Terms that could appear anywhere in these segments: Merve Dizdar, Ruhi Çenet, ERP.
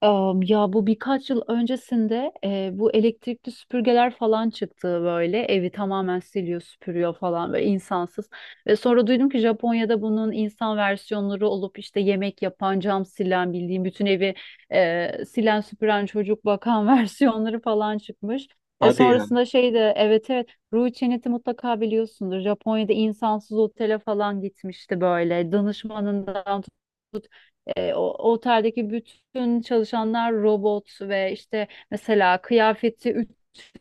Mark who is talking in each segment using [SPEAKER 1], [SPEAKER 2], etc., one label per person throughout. [SPEAKER 1] Ya bu birkaç yıl öncesinde bu elektrikli süpürgeler falan çıktı, böyle evi tamamen siliyor, süpürüyor falan, böyle insansız. Ve sonra duydum ki Japonya'da bunun insan versiyonları olup işte yemek yapan, cam silen, bildiğim bütün evi silen, süpüren, çocuk bakan versiyonları falan çıkmış. E
[SPEAKER 2] Hadi ya.
[SPEAKER 1] sonrasında şey de evet, evet, Ruhi Çenet'i mutlaka biliyorsundur. Japonya'da insansız otele falan gitmişti, böyle danışmanından. O oteldeki bütün çalışanlar robot ve işte mesela kıyafeti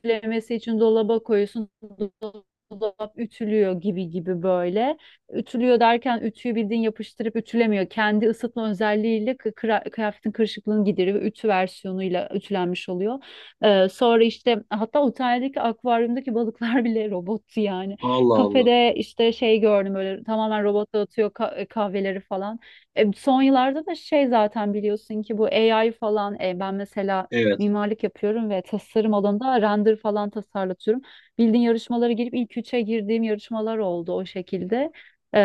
[SPEAKER 1] ütülemesi için dolaba koyuyorsun. Dolap ütülüyor gibi gibi, böyle. Ütülüyor derken ütüyü bildiğin yapıştırıp ütülemiyor. Kendi ısıtma özelliğiyle kıyafetin kırışıklığını gideriyor. Ve ütü versiyonuyla ütülenmiş oluyor. Sonra işte hatta oteldeki akvaryumdaki balıklar bile robottu yani.
[SPEAKER 2] Allah Allah.
[SPEAKER 1] Kafede işte şey gördüm, böyle tamamen robot dağıtıyor kahveleri falan. Son yıllarda da şey zaten biliyorsun ki bu AI falan, ben mesela
[SPEAKER 2] Evet.
[SPEAKER 1] mimarlık yapıyorum ve tasarım alanında render falan tasarlatıyorum. Bildiğin yarışmalara girip ilk üçe girdiğim yarışmalar oldu o şekilde. E,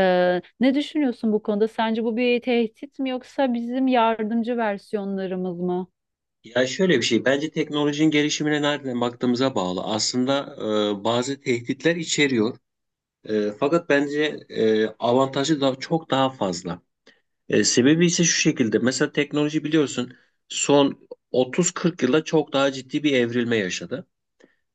[SPEAKER 1] ne düşünüyorsun bu konuda? Sence bu bir tehdit mi yoksa bizim yardımcı versiyonlarımız mı?
[SPEAKER 2] Ya şöyle bir şey. Bence teknolojinin gelişimine nereden baktığımıza bağlı. Aslında bazı tehditler içeriyor. Fakat bence avantajı da çok daha fazla. Sebebi ise şu şekilde. Mesela teknoloji biliyorsun son 30-40 yılda çok daha ciddi bir evrilme yaşadı.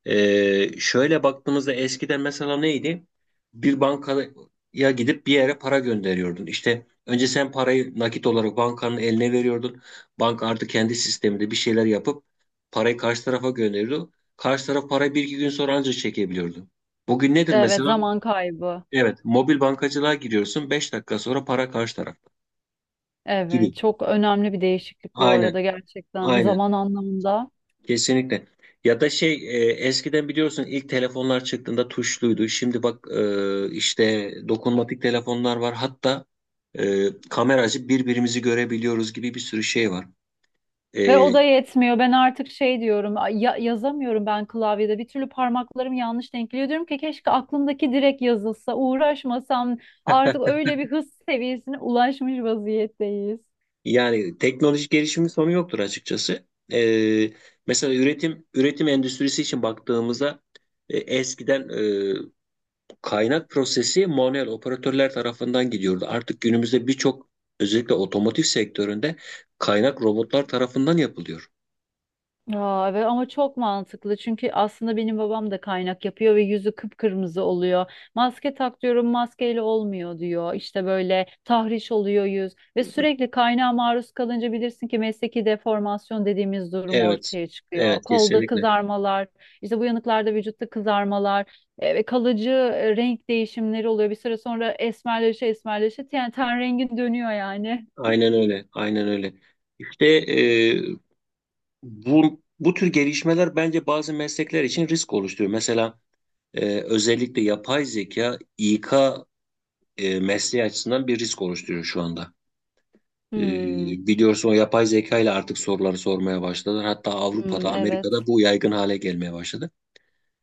[SPEAKER 2] Şöyle baktığımızda eskiden mesela neydi? Bir bankaya gidip bir yere para gönderiyordun. İşte önce sen parayı nakit olarak bankanın eline veriyordun. Banka artık kendi sisteminde bir şeyler yapıp parayı karşı tarafa gönderiyordu. Karşı taraf parayı bir iki gün sonra ancak çekebiliyordu. Bugün nedir
[SPEAKER 1] Evet,
[SPEAKER 2] mesela?
[SPEAKER 1] zaman kaybı.
[SPEAKER 2] Evet, mobil bankacılığa giriyorsun. Beş dakika sonra para karşı tarafta. Giriyor.
[SPEAKER 1] Evet, çok önemli bir değişiklik bu
[SPEAKER 2] Aynen,
[SPEAKER 1] arada, gerçekten
[SPEAKER 2] aynen.
[SPEAKER 1] zaman anlamında.
[SPEAKER 2] Kesinlikle. Ya da şey eskiden biliyorsun ilk telefonlar çıktığında tuşluydu. Şimdi bak işte dokunmatik telefonlar var. Hatta kameracı birbirimizi görebiliyoruz gibi bir sürü şey var.
[SPEAKER 1] Ve
[SPEAKER 2] E,
[SPEAKER 1] o da yetmiyor. Ben artık şey diyorum, "Ay, yazamıyorum ben klavyede. Bir türlü parmaklarım yanlış denk geliyor. Diyorum ki keşke aklımdaki direkt yazılsa, uğraşmasam. Artık öyle bir hız seviyesine ulaşmış vaziyetteyiz.
[SPEAKER 2] Yani teknolojik gelişimin sonu yoktur açıkçası. E, Mesela üretim endüstrisi için baktığımızda eskiden kaynak prosesi manuel operatörler tarafından gidiyordu. Artık günümüzde birçok özellikle otomotiv sektöründe kaynak robotlar tarafından yapılıyor.
[SPEAKER 1] Aa, evet ama çok mantıklı, çünkü aslında benim babam da kaynak yapıyor ve yüzü kıpkırmızı oluyor. Maske tak diyorum, maskeyle olmuyor diyor. İşte böyle tahriş oluyor yüz ve sürekli kaynağa maruz kalınca bilirsin ki mesleki deformasyon dediğimiz durum
[SPEAKER 2] Evet,
[SPEAKER 1] ortaya çıkıyor.
[SPEAKER 2] evet,
[SPEAKER 1] Kolda
[SPEAKER 2] kesinlikle.
[SPEAKER 1] kızarmalar, işte bu yanıklarda vücutta kızarmalar ve kalıcı renk değişimleri oluyor. Bir süre sonra esmerleşe esmerleşe yani ten rengin dönüyor yani.
[SPEAKER 2] Aynen öyle, aynen öyle. İşte bu tür gelişmeler bence bazı meslekler için risk oluşturuyor. Mesela özellikle yapay zeka İK mesleği açısından bir risk oluşturuyor şu anda. Ee,
[SPEAKER 1] Hmm,
[SPEAKER 2] Biliyorsun o yapay zeka ile artık soruları sormaya başladılar. Hatta
[SPEAKER 1] hmm,
[SPEAKER 2] Avrupa'da, Amerika'da
[SPEAKER 1] evet.
[SPEAKER 2] bu yaygın hale gelmeye başladı.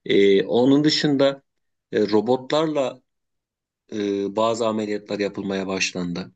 [SPEAKER 2] Onun dışında robotlarla bazı ameliyatlar yapılmaya başlandı.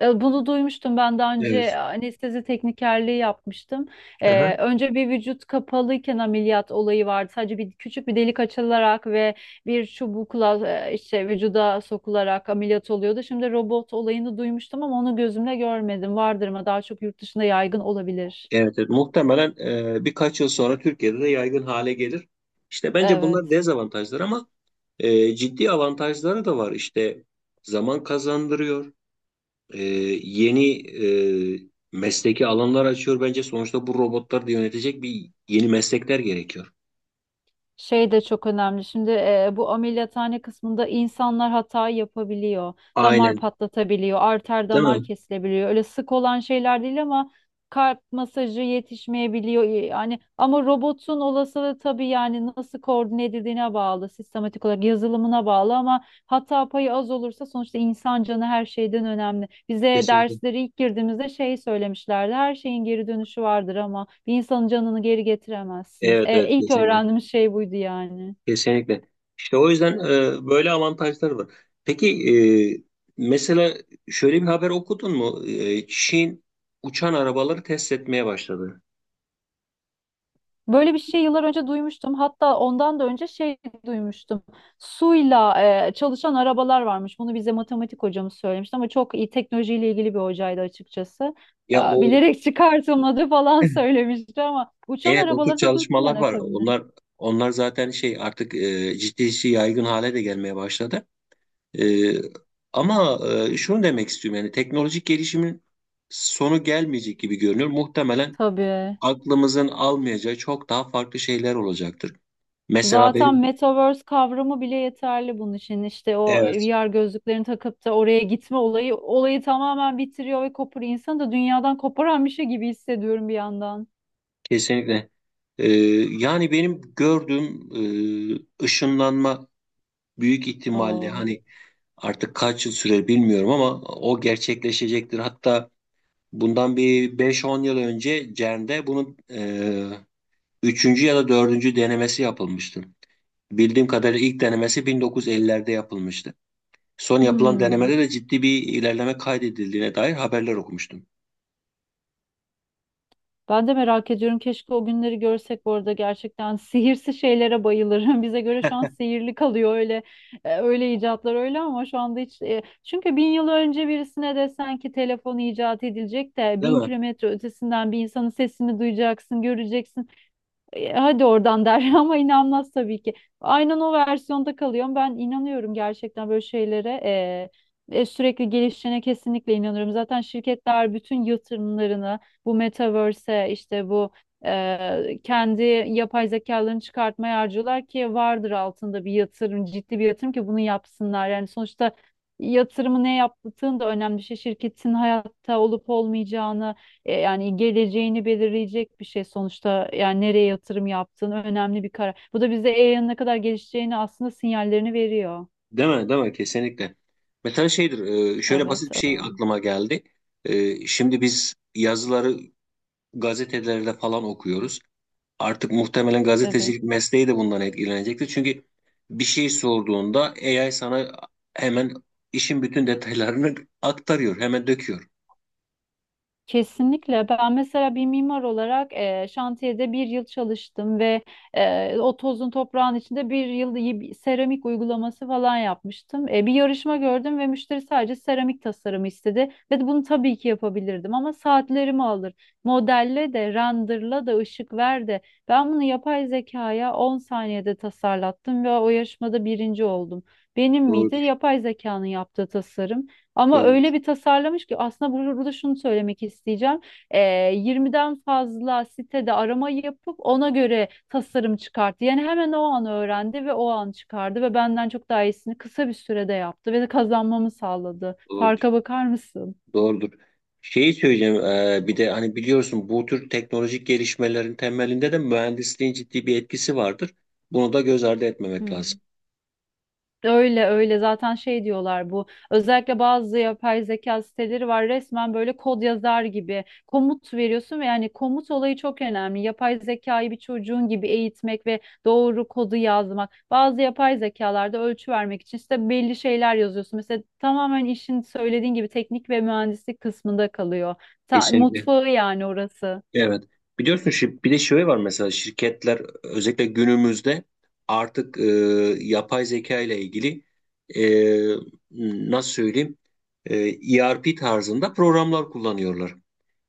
[SPEAKER 1] Bunu duymuştum ben daha önce,
[SPEAKER 2] Evet.
[SPEAKER 1] anestezi teknikerliği yapmıştım.
[SPEAKER 2] Aha.
[SPEAKER 1] Önce bir vücut kapalıyken ameliyat olayı vardı. Sadece bir küçük bir delik açılarak ve bir çubukla işte vücuda sokularak ameliyat oluyordu. Şimdi robot olayını duymuştum ama onu gözümle görmedim. Vardır ama daha çok yurt dışında yaygın olabilir.
[SPEAKER 2] Evet, evet. Muhtemelen birkaç yıl sonra Türkiye'de de yaygın hale gelir. İşte bence bunlar
[SPEAKER 1] Evet.
[SPEAKER 2] dezavantajlar ama ciddi avantajları da var. İşte zaman kazandırıyor. e, yeni e, mesleki alanlar açıyor bence. Sonuçta bu robotlar da yönetecek bir yeni meslekler gerekiyor.
[SPEAKER 1] Şey de çok önemli. Şimdi bu ameliyathane kısmında insanlar hata yapabiliyor. Damar
[SPEAKER 2] Aynen,
[SPEAKER 1] patlatabiliyor, arter
[SPEAKER 2] değil
[SPEAKER 1] damar
[SPEAKER 2] mi?
[SPEAKER 1] kesilebiliyor. Öyle sık olan şeyler değil ama kalp masajı yetişmeyebiliyor. Yani ama robotun olasılığı tabii, yani nasıl koordine edildiğine bağlı, sistematik olarak yazılımına bağlı, ama hata payı az olursa sonuçta insan canı her şeyden önemli. Bize
[SPEAKER 2] Kesinlikle.
[SPEAKER 1] dersleri ilk girdiğimizde şey söylemişlerdi. Her şeyin geri dönüşü vardır ama bir insanın canını geri getiremezsiniz.
[SPEAKER 2] Evet,
[SPEAKER 1] E,
[SPEAKER 2] evet,
[SPEAKER 1] ilk
[SPEAKER 2] kesinlikle.
[SPEAKER 1] öğrendiğimiz şey buydu yani.
[SPEAKER 2] Kesinlikle. İşte o yüzden böyle avantajlar var. Peki e, mesela şöyle bir haber okudun mu? Çin uçan arabaları test etmeye başladı.
[SPEAKER 1] Böyle bir şey yıllar önce duymuştum. Hatta ondan da önce şey duymuştum. Suyla çalışan arabalar varmış. Bunu bize matematik hocamız söylemişti ama çok iyi teknolojiyle ilgili bir hocaydı açıkçası.
[SPEAKER 2] Ya,
[SPEAKER 1] Aa,
[SPEAKER 2] o,
[SPEAKER 1] bilerek çıkartılmadı falan söylemişti ama uçan
[SPEAKER 2] evet, o tür
[SPEAKER 1] arabaları da duydum ben
[SPEAKER 2] çalışmalar var.
[SPEAKER 1] akabinde.
[SPEAKER 2] Onlar zaten şey artık ciddi ciddi yaygın hale de gelmeye başladı. Ee, ama şunu demek istiyorum yani teknolojik gelişimin sonu gelmeyecek gibi görünüyor. Muhtemelen
[SPEAKER 1] Tabii.
[SPEAKER 2] aklımızın almayacağı çok daha farklı şeyler olacaktır. Mesela
[SPEAKER 1] Zaten
[SPEAKER 2] benim,
[SPEAKER 1] metaverse kavramı bile yeterli bunun için. İşte o
[SPEAKER 2] evet,
[SPEAKER 1] VR gözlüklerini takıp da oraya gitme olayı tamamen bitiriyor ve koparıyor. İnsanı da dünyadan koparan bir şey gibi hissediyorum bir yandan.
[SPEAKER 2] kesinlikle. Ee, Yani benim gördüğüm ışınlanma büyük ihtimalle
[SPEAKER 1] Oo.
[SPEAKER 2] hani artık kaç yıl sürer bilmiyorum ama o gerçekleşecektir. Hatta bundan bir beş on yıl önce CERN'de bunun üçüncü ya da dördüncü denemesi yapılmıştı. Bildiğim kadarıyla ilk denemesi 1950'lerde yapılmıştı. Son yapılan
[SPEAKER 1] Hmm.
[SPEAKER 2] denemede de ciddi bir ilerleme kaydedildiğine dair haberler okumuştum.
[SPEAKER 1] Ben de merak ediyorum. Keşke o günleri görsek bu arada, gerçekten. Sihirsi şeylere bayılırım. Bize göre şu an sihirli kalıyor öyle, öyle icatlar öyle, ama şu anda hiç, çünkü bin yıl önce birisine desen ki telefon icat edilecek de
[SPEAKER 2] Değil
[SPEAKER 1] bin
[SPEAKER 2] mi?
[SPEAKER 1] kilometre ötesinden bir insanın sesini duyacaksın, göreceksin. Hadi oradan der ama inanmaz tabii ki. Aynen o versiyonda kalıyorum. Ben inanıyorum gerçekten böyle şeylere. Sürekli gelişene kesinlikle inanıyorum. Zaten şirketler bütün yatırımlarını bu metaverse'e işte bu kendi yapay zekalarını çıkartmaya harcıyorlar ki vardır altında bir yatırım, ciddi bir yatırım ki bunu yapsınlar. Yani sonuçta yatırımı ne yaptığın da önemli bir şey. Şirketin hayatta olup olmayacağını, yani geleceğini belirleyecek bir şey sonuçta, yani nereye yatırım yaptığın önemli bir karar. Bu da bize AI'ın ne kadar gelişeceğini aslında sinyallerini veriyor.
[SPEAKER 2] Değil mi? Değil mi? Kesinlikle. Mesela şeydir, şöyle
[SPEAKER 1] Evet,
[SPEAKER 2] basit bir şey
[SPEAKER 1] evet.
[SPEAKER 2] aklıma geldi. Şimdi biz yazıları gazetelerde falan okuyoruz. Artık muhtemelen
[SPEAKER 1] Evet.
[SPEAKER 2] gazetecilik mesleği de bundan etkilenecektir. Çünkü bir şey sorduğunda AI sana hemen işin bütün detaylarını aktarıyor, hemen döküyor.
[SPEAKER 1] Kesinlikle. Ben mesela bir mimar olarak şantiyede bir yıl çalıştım ve o tozun toprağın içinde bir yıl iyi bir seramik uygulaması falan yapmıştım. Bir yarışma gördüm ve müşteri sadece seramik tasarımı istedi ve bunu tabii ki yapabilirdim ama saatlerimi alır. Modelle de, renderla da, ışık ver de. Ben bunu yapay zekaya 10 saniyede tasarlattım ve o yarışmada birinci oldum. Benim miydi?
[SPEAKER 2] Doğrudur,
[SPEAKER 1] Yapay zekanın yaptığı tasarım. Ama
[SPEAKER 2] doğrudur,
[SPEAKER 1] öyle bir tasarlamış ki aslında burada şunu söylemek isteyeceğim. Ee, 20'den fazla sitede arama yapıp ona göre tasarım çıkarttı. Yani hemen o an öğrendi ve o an çıkardı ve benden çok daha iyisini kısa bir sürede yaptı ve de kazanmamı sağladı.
[SPEAKER 2] doğrudur,
[SPEAKER 1] Farka bakar mısın?
[SPEAKER 2] doğrudur. Şeyi söyleyeceğim, bir de hani biliyorsun bu tür teknolojik gelişmelerin temelinde de mühendisliğin ciddi bir etkisi vardır. Bunu da göz ardı etmemek
[SPEAKER 1] Hı.
[SPEAKER 2] lazım.
[SPEAKER 1] Öyle öyle zaten şey diyorlar bu, özellikle bazı yapay zeka siteleri var, resmen böyle kod yazar gibi komut veriyorsun ve yani komut olayı çok önemli, yapay zekayı bir çocuğun gibi eğitmek ve doğru kodu yazmak, bazı yapay zekalarda ölçü vermek için işte belli şeyler yazıyorsun mesela, tamamen işin söylediğin gibi teknik ve mühendislik kısmında kalıyor. Ta-
[SPEAKER 2] Kesinlikle.
[SPEAKER 1] mutfağı yani orası.
[SPEAKER 2] Evet. Biliyorsun bir de şey var mesela şirketler özellikle günümüzde artık yapay zeka ile ilgili nasıl söyleyeyim e, ERP tarzında programlar kullanıyorlar.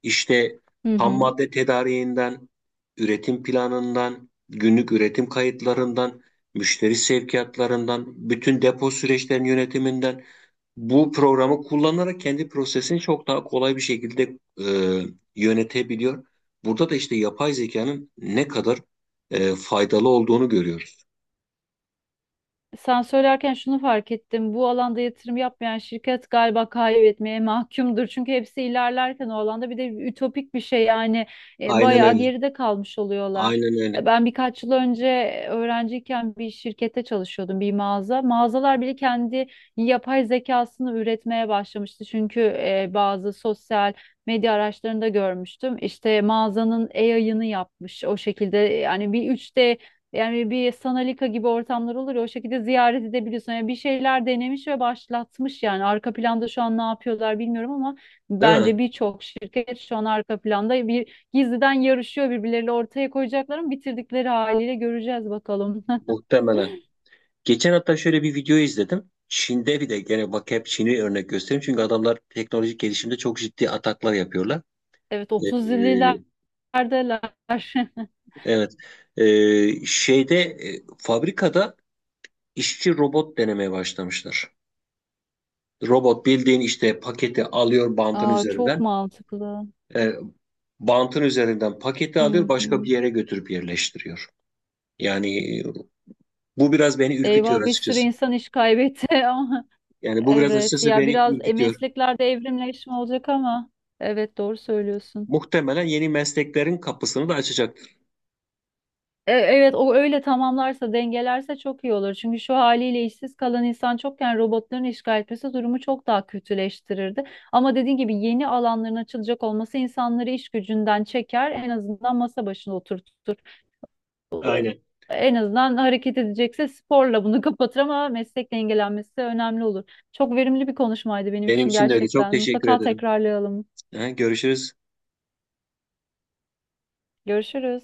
[SPEAKER 2] İşte
[SPEAKER 1] Hı
[SPEAKER 2] ham
[SPEAKER 1] hı.
[SPEAKER 2] madde tedariğinden, üretim planından, günlük üretim kayıtlarından, müşteri sevkiyatlarından, bütün depo süreçlerinin yönetiminden bu programı kullanarak kendi prosesini çok daha kolay bir şekilde e, yönetebiliyor. Burada da işte yapay zekanın ne kadar faydalı olduğunu görüyoruz.
[SPEAKER 1] Sen söylerken şunu fark ettim. Bu alanda yatırım yapmayan şirket galiba kaybetmeye mahkumdur. Çünkü hepsi ilerlerken o alanda bir de ütopik bir şey yani,
[SPEAKER 2] Aynen
[SPEAKER 1] bayağı
[SPEAKER 2] öyle.
[SPEAKER 1] geride kalmış oluyorlar.
[SPEAKER 2] Aynen öyle.
[SPEAKER 1] Ben birkaç yıl önce öğrenciyken bir şirkette çalışıyordum, bir mağaza. Mağazalar bile kendi yapay zekasını üretmeye başlamıştı. Çünkü bazı sosyal medya araçlarında görmüştüm. İşte mağazanın AI'ını yapmış o şekilde, yani bir 3D, yani bir Sanalika gibi ortamlar olur ya, o şekilde ziyaret edebiliyorsun. Yani bir şeyler denemiş ve başlatmış yani. Arka planda şu an ne yapıyorlar bilmiyorum ama
[SPEAKER 2] Değil
[SPEAKER 1] bence
[SPEAKER 2] mi?
[SPEAKER 1] birçok şirket şu an arka planda bir gizliden yarışıyor birbirleriyle, ortaya koyacaklar ama bitirdikleri haliyle göreceğiz bakalım.
[SPEAKER 2] Muhtemelen. Geçen hatta şöyle bir video izledim. Çin'de bir de gene bak hep Çin'i örnek göstereyim. Çünkü adamlar teknolojik gelişimde çok ciddi ataklar yapıyorlar.
[SPEAKER 1] Evet, 30'lulardalar.
[SPEAKER 2] Ee, evet. Fabrikada işçi robot denemeye başlamışlar. Robot bildiğin işte paketi alıyor bantın
[SPEAKER 1] Aa, çok
[SPEAKER 2] üzerinden.
[SPEAKER 1] mantıklı.
[SPEAKER 2] E, Bantın üzerinden paketi alıyor
[SPEAKER 1] Hı
[SPEAKER 2] başka bir
[SPEAKER 1] hı.
[SPEAKER 2] yere götürüp yerleştiriyor. Yani bu biraz beni ürkütüyor
[SPEAKER 1] Eyvah, bir sürü
[SPEAKER 2] açıkçası.
[SPEAKER 1] insan iş kaybetti ama
[SPEAKER 2] Yani bu biraz
[SPEAKER 1] evet
[SPEAKER 2] açıkçası
[SPEAKER 1] ya,
[SPEAKER 2] beni
[SPEAKER 1] biraz
[SPEAKER 2] ürkütüyor.
[SPEAKER 1] mesleklerde evrimleşme olacak ama evet, doğru söylüyorsun.
[SPEAKER 2] Muhtemelen yeni mesleklerin kapısını da açacaktır.
[SPEAKER 1] Evet, o öyle tamamlarsa dengelerse çok iyi olur. Çünkü şu haliyle işsiz kalan insan çokken robotların işgal etmesi durumu çok daha kötüleştirirdi. Ama dediğin gibi yeni alanların açılacak olması insanları iş gücünden çeker, en azından masa başına oturtur.
[SPEAKER 2] Aynen.
[SPEAKER 1] En azından hareket edecekse sporla bunu kapatır ama meslek dengelenmesi önemli olur. Çok verimli bir konuşmaydı benim
[SPEAKER 2] Benim
[SPEAKER 1] için
[SPEAKER 2] için de öyle. Çok
[SPEAKER 1] gerçekten.
[SPEAKER 2] teşekkür
[SPEAKER 1] Mutlaka
[SPEAKER 2] ederim.
[SPEAKER 1] tekrarlayalım.
[SPEAKER 2] Ha, görüşürüz.
[SPEAKER 1] Görüşürüz.